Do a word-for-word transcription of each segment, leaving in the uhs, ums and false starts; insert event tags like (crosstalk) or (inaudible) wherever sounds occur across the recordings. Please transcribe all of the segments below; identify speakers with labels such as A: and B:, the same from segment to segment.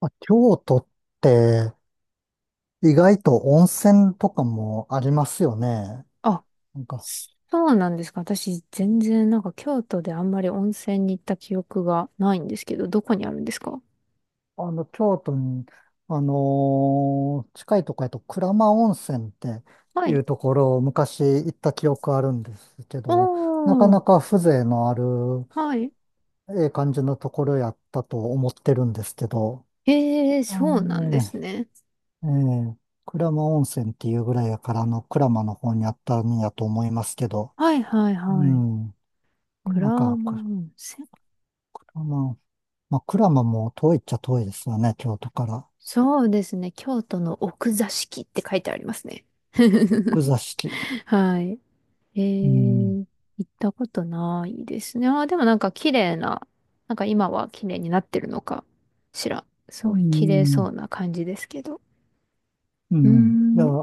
A: まあ、京都って意外と温泉とかもありますよね。
B: あ、
A: なんか、
B: そうなんですか。私、全然、なんか、京都であんまり温泉に行った記憶がないんですけど、どこにあるんですか？
A: あの、京都に、あのー近いとこやと鞍馬温泉って
B: は
A: い
B: い。
A: うところを昔行った記憶あるんですけど、なか
B: お
A: な
B: ー、
A: か風情のある、
B: はい。
A: ええ感じのところやったと思ってるんですけど、
B: ええー、
A: う
B: そうなんで
A: ん。
B: すね。
A: ええ。鞍馬温泉っていうぐらいやから、あの、鞍馬の方にあったんやと思いますけど、
B: はいはい
A: う
B: はい。
A: ん。
B: 蔵
A: なんか、
B: 間
A: これ、
B: 温泉。
A: まあ、クラマも遠いっちゃ遠いですよね、京都から。
B: そうですね。京都の奥座敷って書いてありますね。
A: 奥
B: (laughs)
A: 座敷。
B: はい。え
A: う
B: ー、
A: ん。
B: 行ったことないですね。あー、でもなんか綺麗な、なんか今は綺麗になってるのかしら。す
A: う
B: ごい綺麗そ
A: ん。
B: うな感じですけど。
A: う
B: うー
A: ん。いや、
B: ん、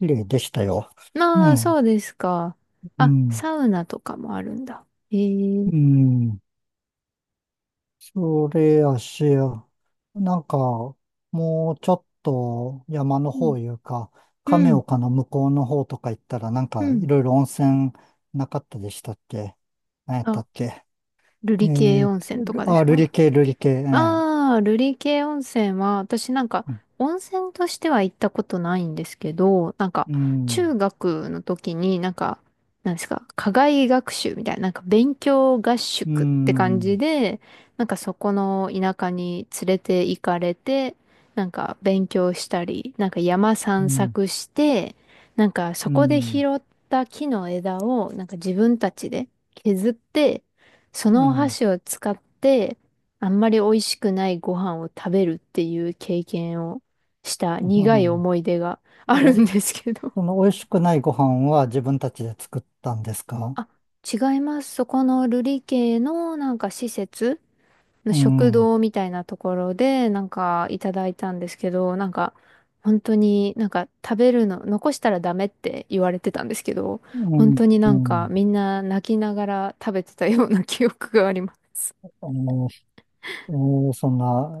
A: 綺麗でしたよ。え
B: まあ、
A: え。
B: そうですか。
A: う
B: あ、
A: ん。
B: サウナとかもあるんだ。えー、
A: うん。それやし、なんか、もうちょっと山の
B: うん、
A: 方いうか、
B: う
A: 亀
B: ん、
A: 岡の向こうの方とか行ったら、なん
B: う
A: かい
B: ん。
A: ろいろ温泉なかったでしたっけ？何やった
B: あ、
A: っけ？
B: 瑠
A: え
B: 璃系
A: ー、
B: 温泉とかで
A: あ、
B: す
A: 瑠
B: か？
A: 璃系、瑠璃系、ええ。
B: ああ、瑠璃系温泉は、私なんか、温泉としては行ったことないんですけど、なんか、
A: うん。
B: 中学の時になんか、なんですか、課外学習みたいな、なんか勉強合
A: う
B: 宿って感じ
A: ん。
B: で、なんかそこの田舎に連れて行かれて、なんか勉強したり、なんか山
A: う
B: 散
A: ん、
B: 策して、なんかそ
A: う
B: こで
A: ん、
B: 拾った木の枝を、なんか自分たちで削って、そ
A: う
B: のお
A: ん、
B: 箸を使って、あんまり美味しくないご飯を食べるっていう経験をした
A: う
B: 苦い
A: ん。
B: 思い出がある
A: え、
B: んですけど。
A: その美味しくないご飯は自分たちで作ったんですか？
B: あ、違います。そこのルリ系のなんか施設の
A: う
B: 食
A: ん、う
B: 堂みたいなところでなんかいただいたんですけど、なんか本当になんか食べるの残したらダメって言われてたんですけど、本
A: ん、
B: 当に
A: う
B: なんか
A: ん。
B: みんな泣きながら食べてたような記憶があります。
A: あの、えーそんな、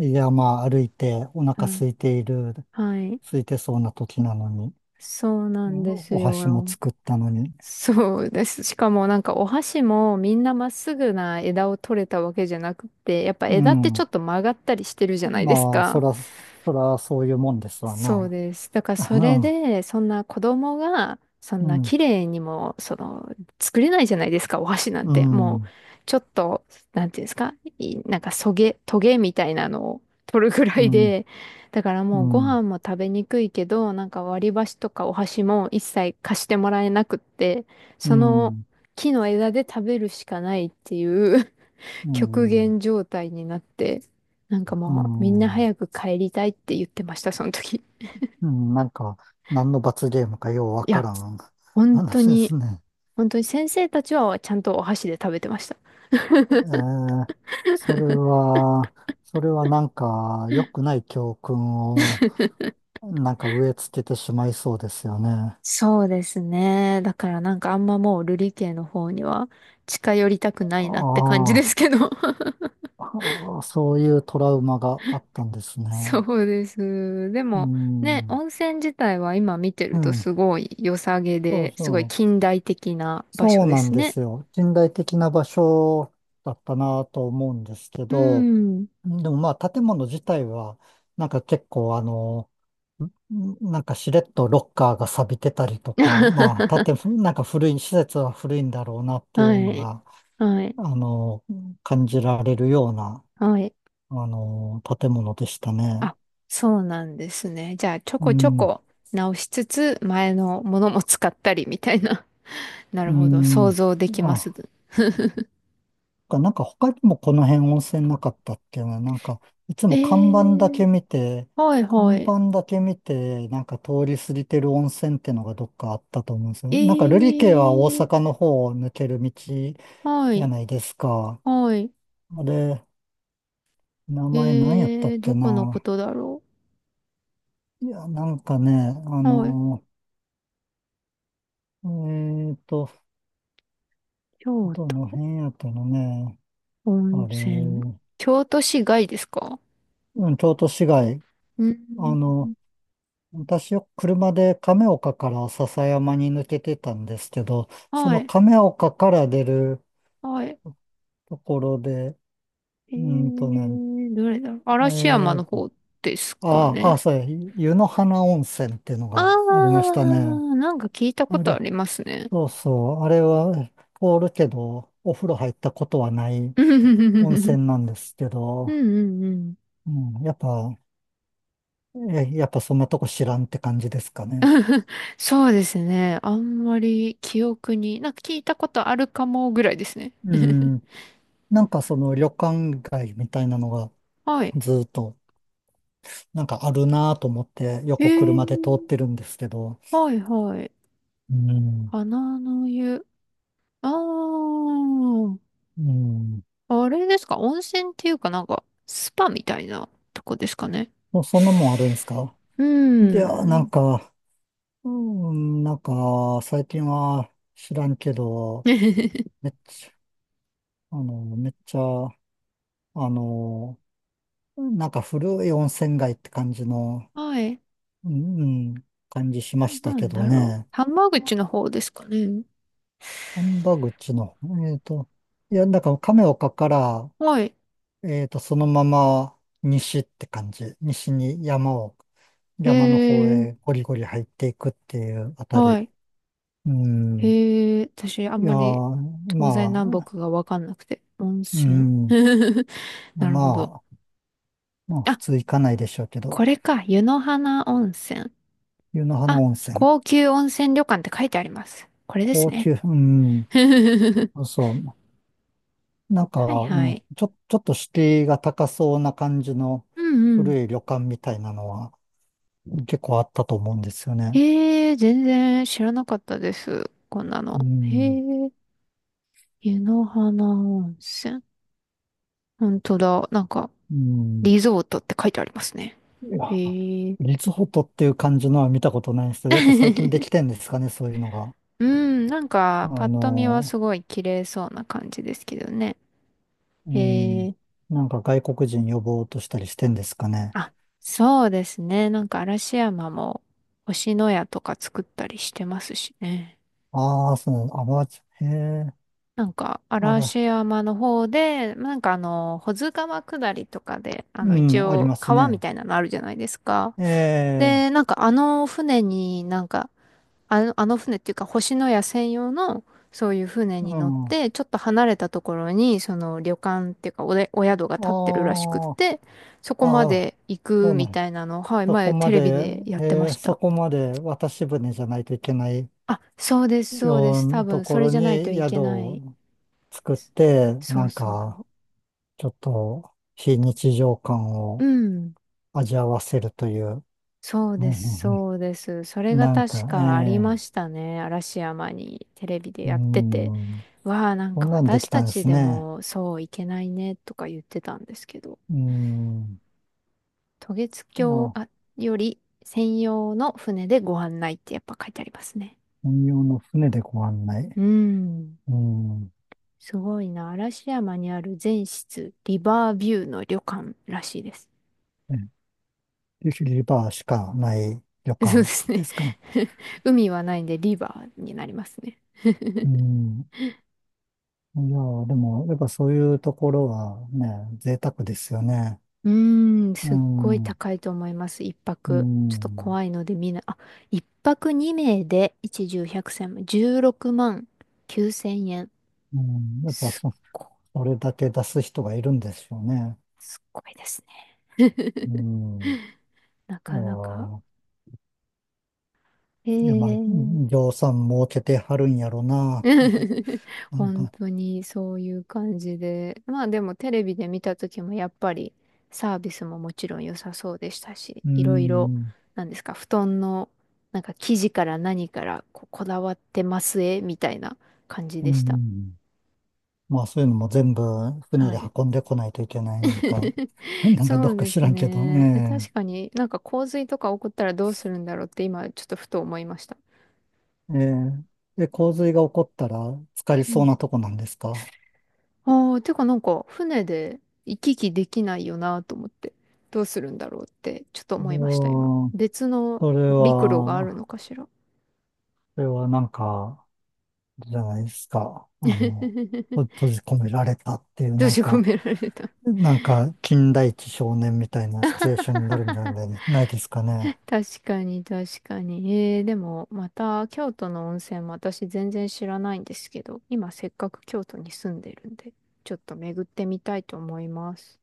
A: い山歩いてお腹
B: はい。
A: 空いている、
B: はい。
A: 空いてそうな時なのに、
B: そうな
A: う
B: ん
A: ん。
B: です
A: お箸も
B: よ。
A: 作ったのに。
B: そうです。しかもなんかお箸もみんなまっすぐな枝を取れたわけじゃなくて、やっぱ
A: う
B: 枝ってちょ
A: ん。
B: っと曲がったりしてるじゃないです
A: まあ、そ
B: か。
A: ら、そらそういうもんですわ
B: そう
A: な。
B: です。だからそれ
A: う
B: で、そんな子供が、そん
A: ん、
B: な
A: うん、
B: 綺麗にも、その、作れないじゃないですか、お箸なん
A: う
B: て。もう、
A: ん、
B: ちょっと、なんていうんですか、いなんか、そげ、トゲみたいなのを取るぐら
A: う
B: い
A: ん、
B: で、だから
A: う
B: もうご
A: ん、
B: 飯も食べにくいけど、なんか割り箸とかお箸も一切貸してもらえなくって、
A: う
B: その
A: ん、
B: 木の枝で食べるしかないっていう
A: う
B: (laughs) 極
A: ん。
B: 限状態になって、なんか
A: う
B: もうみんな
A: ん。
B: 早く帰りたいって言ってました、その時。
A: うん。なんか、何の罰ゲームかようわ
B: い
A: か
B: や、
A: らん (laughs)
B: 本当
A: 話で
B: に、
A: すね。
B: 本当に先生たちはちゃんとお箸で食べてました。
A: えー、それは、それはなんか、良くない教訓を、なんか植え付けてしまいそうですよね。
B: そうですね。だからなんかあんまもう瑠璃家の方には近寄りたくな
A: あ
B: いなって感じで
A: あ、
B: すけど。(laughs)
A: ああそういうトラウマがあったんですね。
B: そうです。で
A: う
B: もね、
A: ん、
B: 温泉自体は今見て
A: う
B: ると
A: ん、
B: すごい良さげ
A: そう
B: で、すごい
A: そう、
B: 近代的な場所
A: そう
B: で
A: なん
B: す
A: で
B: ね。
A: すよ。近代的な場所だったなと思うんですけ
B: う
A: ど、
B: ん。
A: でもまあ、建物自体は、なんか結構あの、なんかしれっとロッカーが錆びてたりとか、まあ、建
B: (laughs)
A: 物、なんか古い、施設は古いんだろうなってい
B: は
A: うの
B: い。
A: が、
B: はい。
A: あの、感じられるような、
B: はい。
A: あの、建物でしたね。
B: あ、そうなんですね。じゃあ、ちょ
A: う
B: こちょ
A: ん、
B: こ直しつつ、前のものも使ったりみたいな。(laughs) な
A: う
B: るほど。想
A: ん。
B: 像できます。
A: あ、
B: (laughs)
A: なんか他にもこの辺温泉なかったっけな。なんか、いつ
B: え
A: も看板だ
B: ー、
A: け見て、
B: はいは
A: 看
B: い。
A: 板だけ見て、なんか通り過ぎてる温泉ってのがどっかあったと思うんですよ。
B: え
A: なんか瑠璃家は大
B: ー、
A: 阪の方を抜ける道じ
B: は
A: ゃ
B: い、
A: ないですか。
B: はい。
A: あれ、名
B: え
A: 前何やったっ
B: ー、ど
A: け
B: このこ
A: な。
B: とだろ
A: いや、なんかね、あ
B: う。はい。
A: の、えーと、
B: 京
A: どの
B: 都、
A: 辺やったのね。
B: 温
A: あれ、
B: 泉。
A: う
B: 京都市外ですか？
A: ん、京都市街。
B: うん。
A: あの、私よく車で亀岡から篠山に抜けてたんですけど、そ
B: は
A: の
B: い、
A: 亀岡から出る
B: はい。
A: ところで、
B: え
A: うーんとね、
B: ー、どれだろう。嵐山
A: えー
B: の
A: と、
B: 方です
A: あ
B: か
A: あ、ああ、
B: ね。
A: そうや、湯の花温泉っていうの
B: あ
A: がありましたね。
B: あ、なんか聞いたこ
A: あ
B: とあ
A: れ、
B: りますね。
A: そうそう、あれは凍るけど、お風呂入ったことはない
B: (laughs) う
A: 温
B: ん
A: 泉なんですけ
B: う
A: ど、
B: んうん。
A: うん、やっぱ、えやっぱそんなとこ知らんって感じですかね？
B: そうですね。あんまり記憶に、なんか聞いたことあるかもぐらいですね。
A: う
B: (laughs)
A: ん、なんかその旅館街みたいなのが
B: はい。
A: ずっとなんかあるなぁと思って
B: え
A: 横車で通っ
B: ー、
A: てるんですけど、
B: はいはい。
A: うん、
B: 花の湯。あー
A: うん、
B: あれですか、温泉っていうかなんか、スパみたいなとこですかね。
A: そそんなもんあるんですか？
B: う
A: い
B: ー
A: やー、なん
B: ん。
A: か、うん、なんか最近は知らんけど、
B: (laughs)
A: めっちゃ、あの、めっちゃ、あの、なんか古い温泉街って感じの、
B: はい。
A: うん、うん、感じしました
B: な
A: け
B: ん
A: ど
B: だろう。
A: ね。
B: 浜口の方ですかね。
A: 神波口の、えっと、いや、だから亀岡から、
B: はい。
A: えっと、そのまま西って感じ。西に山を、
B: え
A: 山の方
B: ー、
A: へゴリゴリ入っていくっていうあた
B: は
A: り。
B: い。
A: う
B: え
A: ん。
B: ー、私、あん
A: いや
B: まり
A: ー、
B: 東西
A: ま
B: 南
A: あ、
B: 北がわかんなくて。温
A: う
B: 泉。
A: ん。
B: (laughs) なるほど。
A: まあ、まあ、
B: あ、
A: 普通行かないでしょうけ
B: こ
A: ど、
B: れか。湯の花温泉。
A: 湯の花
B: あ、
A: 温泉。
B: 高級温泉旅館って書いてあります。これです
A: 高
B: ね。
A: 級、うん。
B: (laughs)
A: そうそう。なんか、
B: はいは
A: うん、
B: い。
A: ちょ、ちょっと敷居が高そうな感じの
B: うんうん。
A: 古い旅館みたいなのは結構あったと思うんですよね。
B: えー、全然知らなかったです。こんな
A: う
B: の。へ
A: ん、
B: ー、湯の花温泉。本当だ。なんか、
A: うん。
B: リゾートって書いてありますね。
A: い
B: へ
A: や、
B: ー。
A: リゾートっていう感じのは見たことないですけど、やっぱ最近で
B: (laughs)
A: きてんですかね、そういうのが。
B: うん、なん
A: あ
B: か、パッと見は
A: の、
B: すごい綺麗そうな感じですけどね。
A: うん、
B: えー、
A: なんか外国人呼ぼうとしたりしてんですかね？
B: あ、そうですね。なんか、嵐山も星のやとか作ったりしてますしね。
A: ああ、そう、あ、まじ、へえ、
B: なんか、
A: あら、
B: 嵐山の方で、なんかあの、保津川下りとかで、あ
A: う
B: の、一
A: ん、あり
B: 応
A: ます
B: 川み
A: ね。
B: たいなのあるじゃないですか。
A: ええ、
B: で、なんかあの船になんかあの、あの船っていうか、星のや専用の、そういう船
A: う
B: に乗っ
A: ん、あ
B: て、ちょっと離れたところに、その旅館っていうかおで、お宿が建ってるらしくっ
A: あ、
B: て、そこま
A: ああ、
B: で行
A: そ
B: く
A: うな
B: み
A: ん
B: たいなのを、はい、
A: そこ
B: 前テ
A: ま
B: レビ
A: で、
B: でやってま
A: えー
B: し
A: そ
B: た。
A: こまで渡し船じゃないといけない
B: あ、そうです、そうで
A: よう
B: す。多
A: なと
B: 分、
A: こ
B: それ
A: ろ
B: じゃないと
A: に
B: い
A: 宿
B: けない。
A: を作って、
B: そ
A: な
B: う
A: ん
B: そ
A: か、
B: う。
A: ちょっと非日常感
B: う
A: を
B: ん。
A: 味わわせるという、
B: そう
A: うん。
B: で
A: う
B: す、
A: ん。うん。
B: そうです。それが
A: なん
B: 確
A: か、え
B: かありまし
A: え。
B: たね。嵐山にテレビで
A: う
B: やってて。
A: ん。
B: わあ、なん
A: こ
B: か
A: んなんで
B: 私
A: き
B: た
A: たんで
B: ち
A: す
B: で
A: ね。
B: もそういけないねとか言ってたんですけど、
A: うん、
B: 渡月
A: い
B: 橋あ
A: や、
B: より専用の船でご案内ってやっぱ書いてありますね。
A: 本用の船でご案
B: う
A: 内。
B: ん、
A: うん、
B: すごいな。嵐山にある全室リバービューの旅館らしいです。
A: えリバーしかない旅
B: (laughs) そうで
A: 館
B: す
A: で
B: ね。
A: すか？
B: (laughs) 海はないんでリバーになりますね。
A: うん。いやー、でも、やっぱそういうところはね、贅沢ですよね。
B: うーん、
A: う
B: すっごい
A: ん、う
B: 高いと思います。一泊。ちょっと
A: ん、
B: 怖いので見ない。あ、一泊二名で一重百千万、じゅうろくまんきゅうせん円。
A: うん。やっぱ
B: すっ
A: そ、
B: ごい、
A: それだけ出す人がいるんですよね。
B: すっごいですね。
A: う
B: (laughs)
A: ん。
B: な
A: いや
B: かなか。
A: ー、
B: え
A: いや、まあ、
B: え
A: ぎょうさん儲けてはるんやろなって、
B: (laughs)
A: なん
B: 本
A: か、
B: 当にそういう感じで。まあでもテレビで見た時もやっぱりサービスももちろん良さそうでしたし、
A: う
B: いろいろ、
A: ん、
B: なんですか、布団のなんか生地から何からこ、こだわってますえみたいな感じ
A: う
B: でした。
A: ん。まあ、そういうのも全部船
B: は
A: で
B: い。
A: 運んでこないといけないんか、
B: (laughs)
A: (laughs) なんか
B: そ
A: ど
B: う
A: うか
B: で
A: 知
B: す
A: らんけど、
B: ね。
A: え
B: 確かになんか洪水とか起こったらどうするんだろうって今ちょっとふと思いました。
A: え。ええ。で、洪水が起こったら、浸かりそうなとこなんですか？
B: ああ、てかなんか船で行き来できないよなと思って、どうするんだろうってちょっと
A: そ
B: 思
A: れ
B: いました、今。
A: は、
B: 別の
A: それ
B: 陸路がある
A: は、
B: のかしら。
A: それはなんか、じゃないですか。あの、と閉
B: (laughs)
A: じ込められたっていう、
B: 閉
A: なん
B: じ込
A: か、
B: められた。
A: なんか、金田一少年みたいなシチュエーションになるんじゃな
B: (laughs)
A: いないですかね？
B: 確かに確かに。えー、でもまた京都の温泉も私全然知らないんですけど、今せっかく京都に住んでるんで、ちょっと巡ってみたいと思います。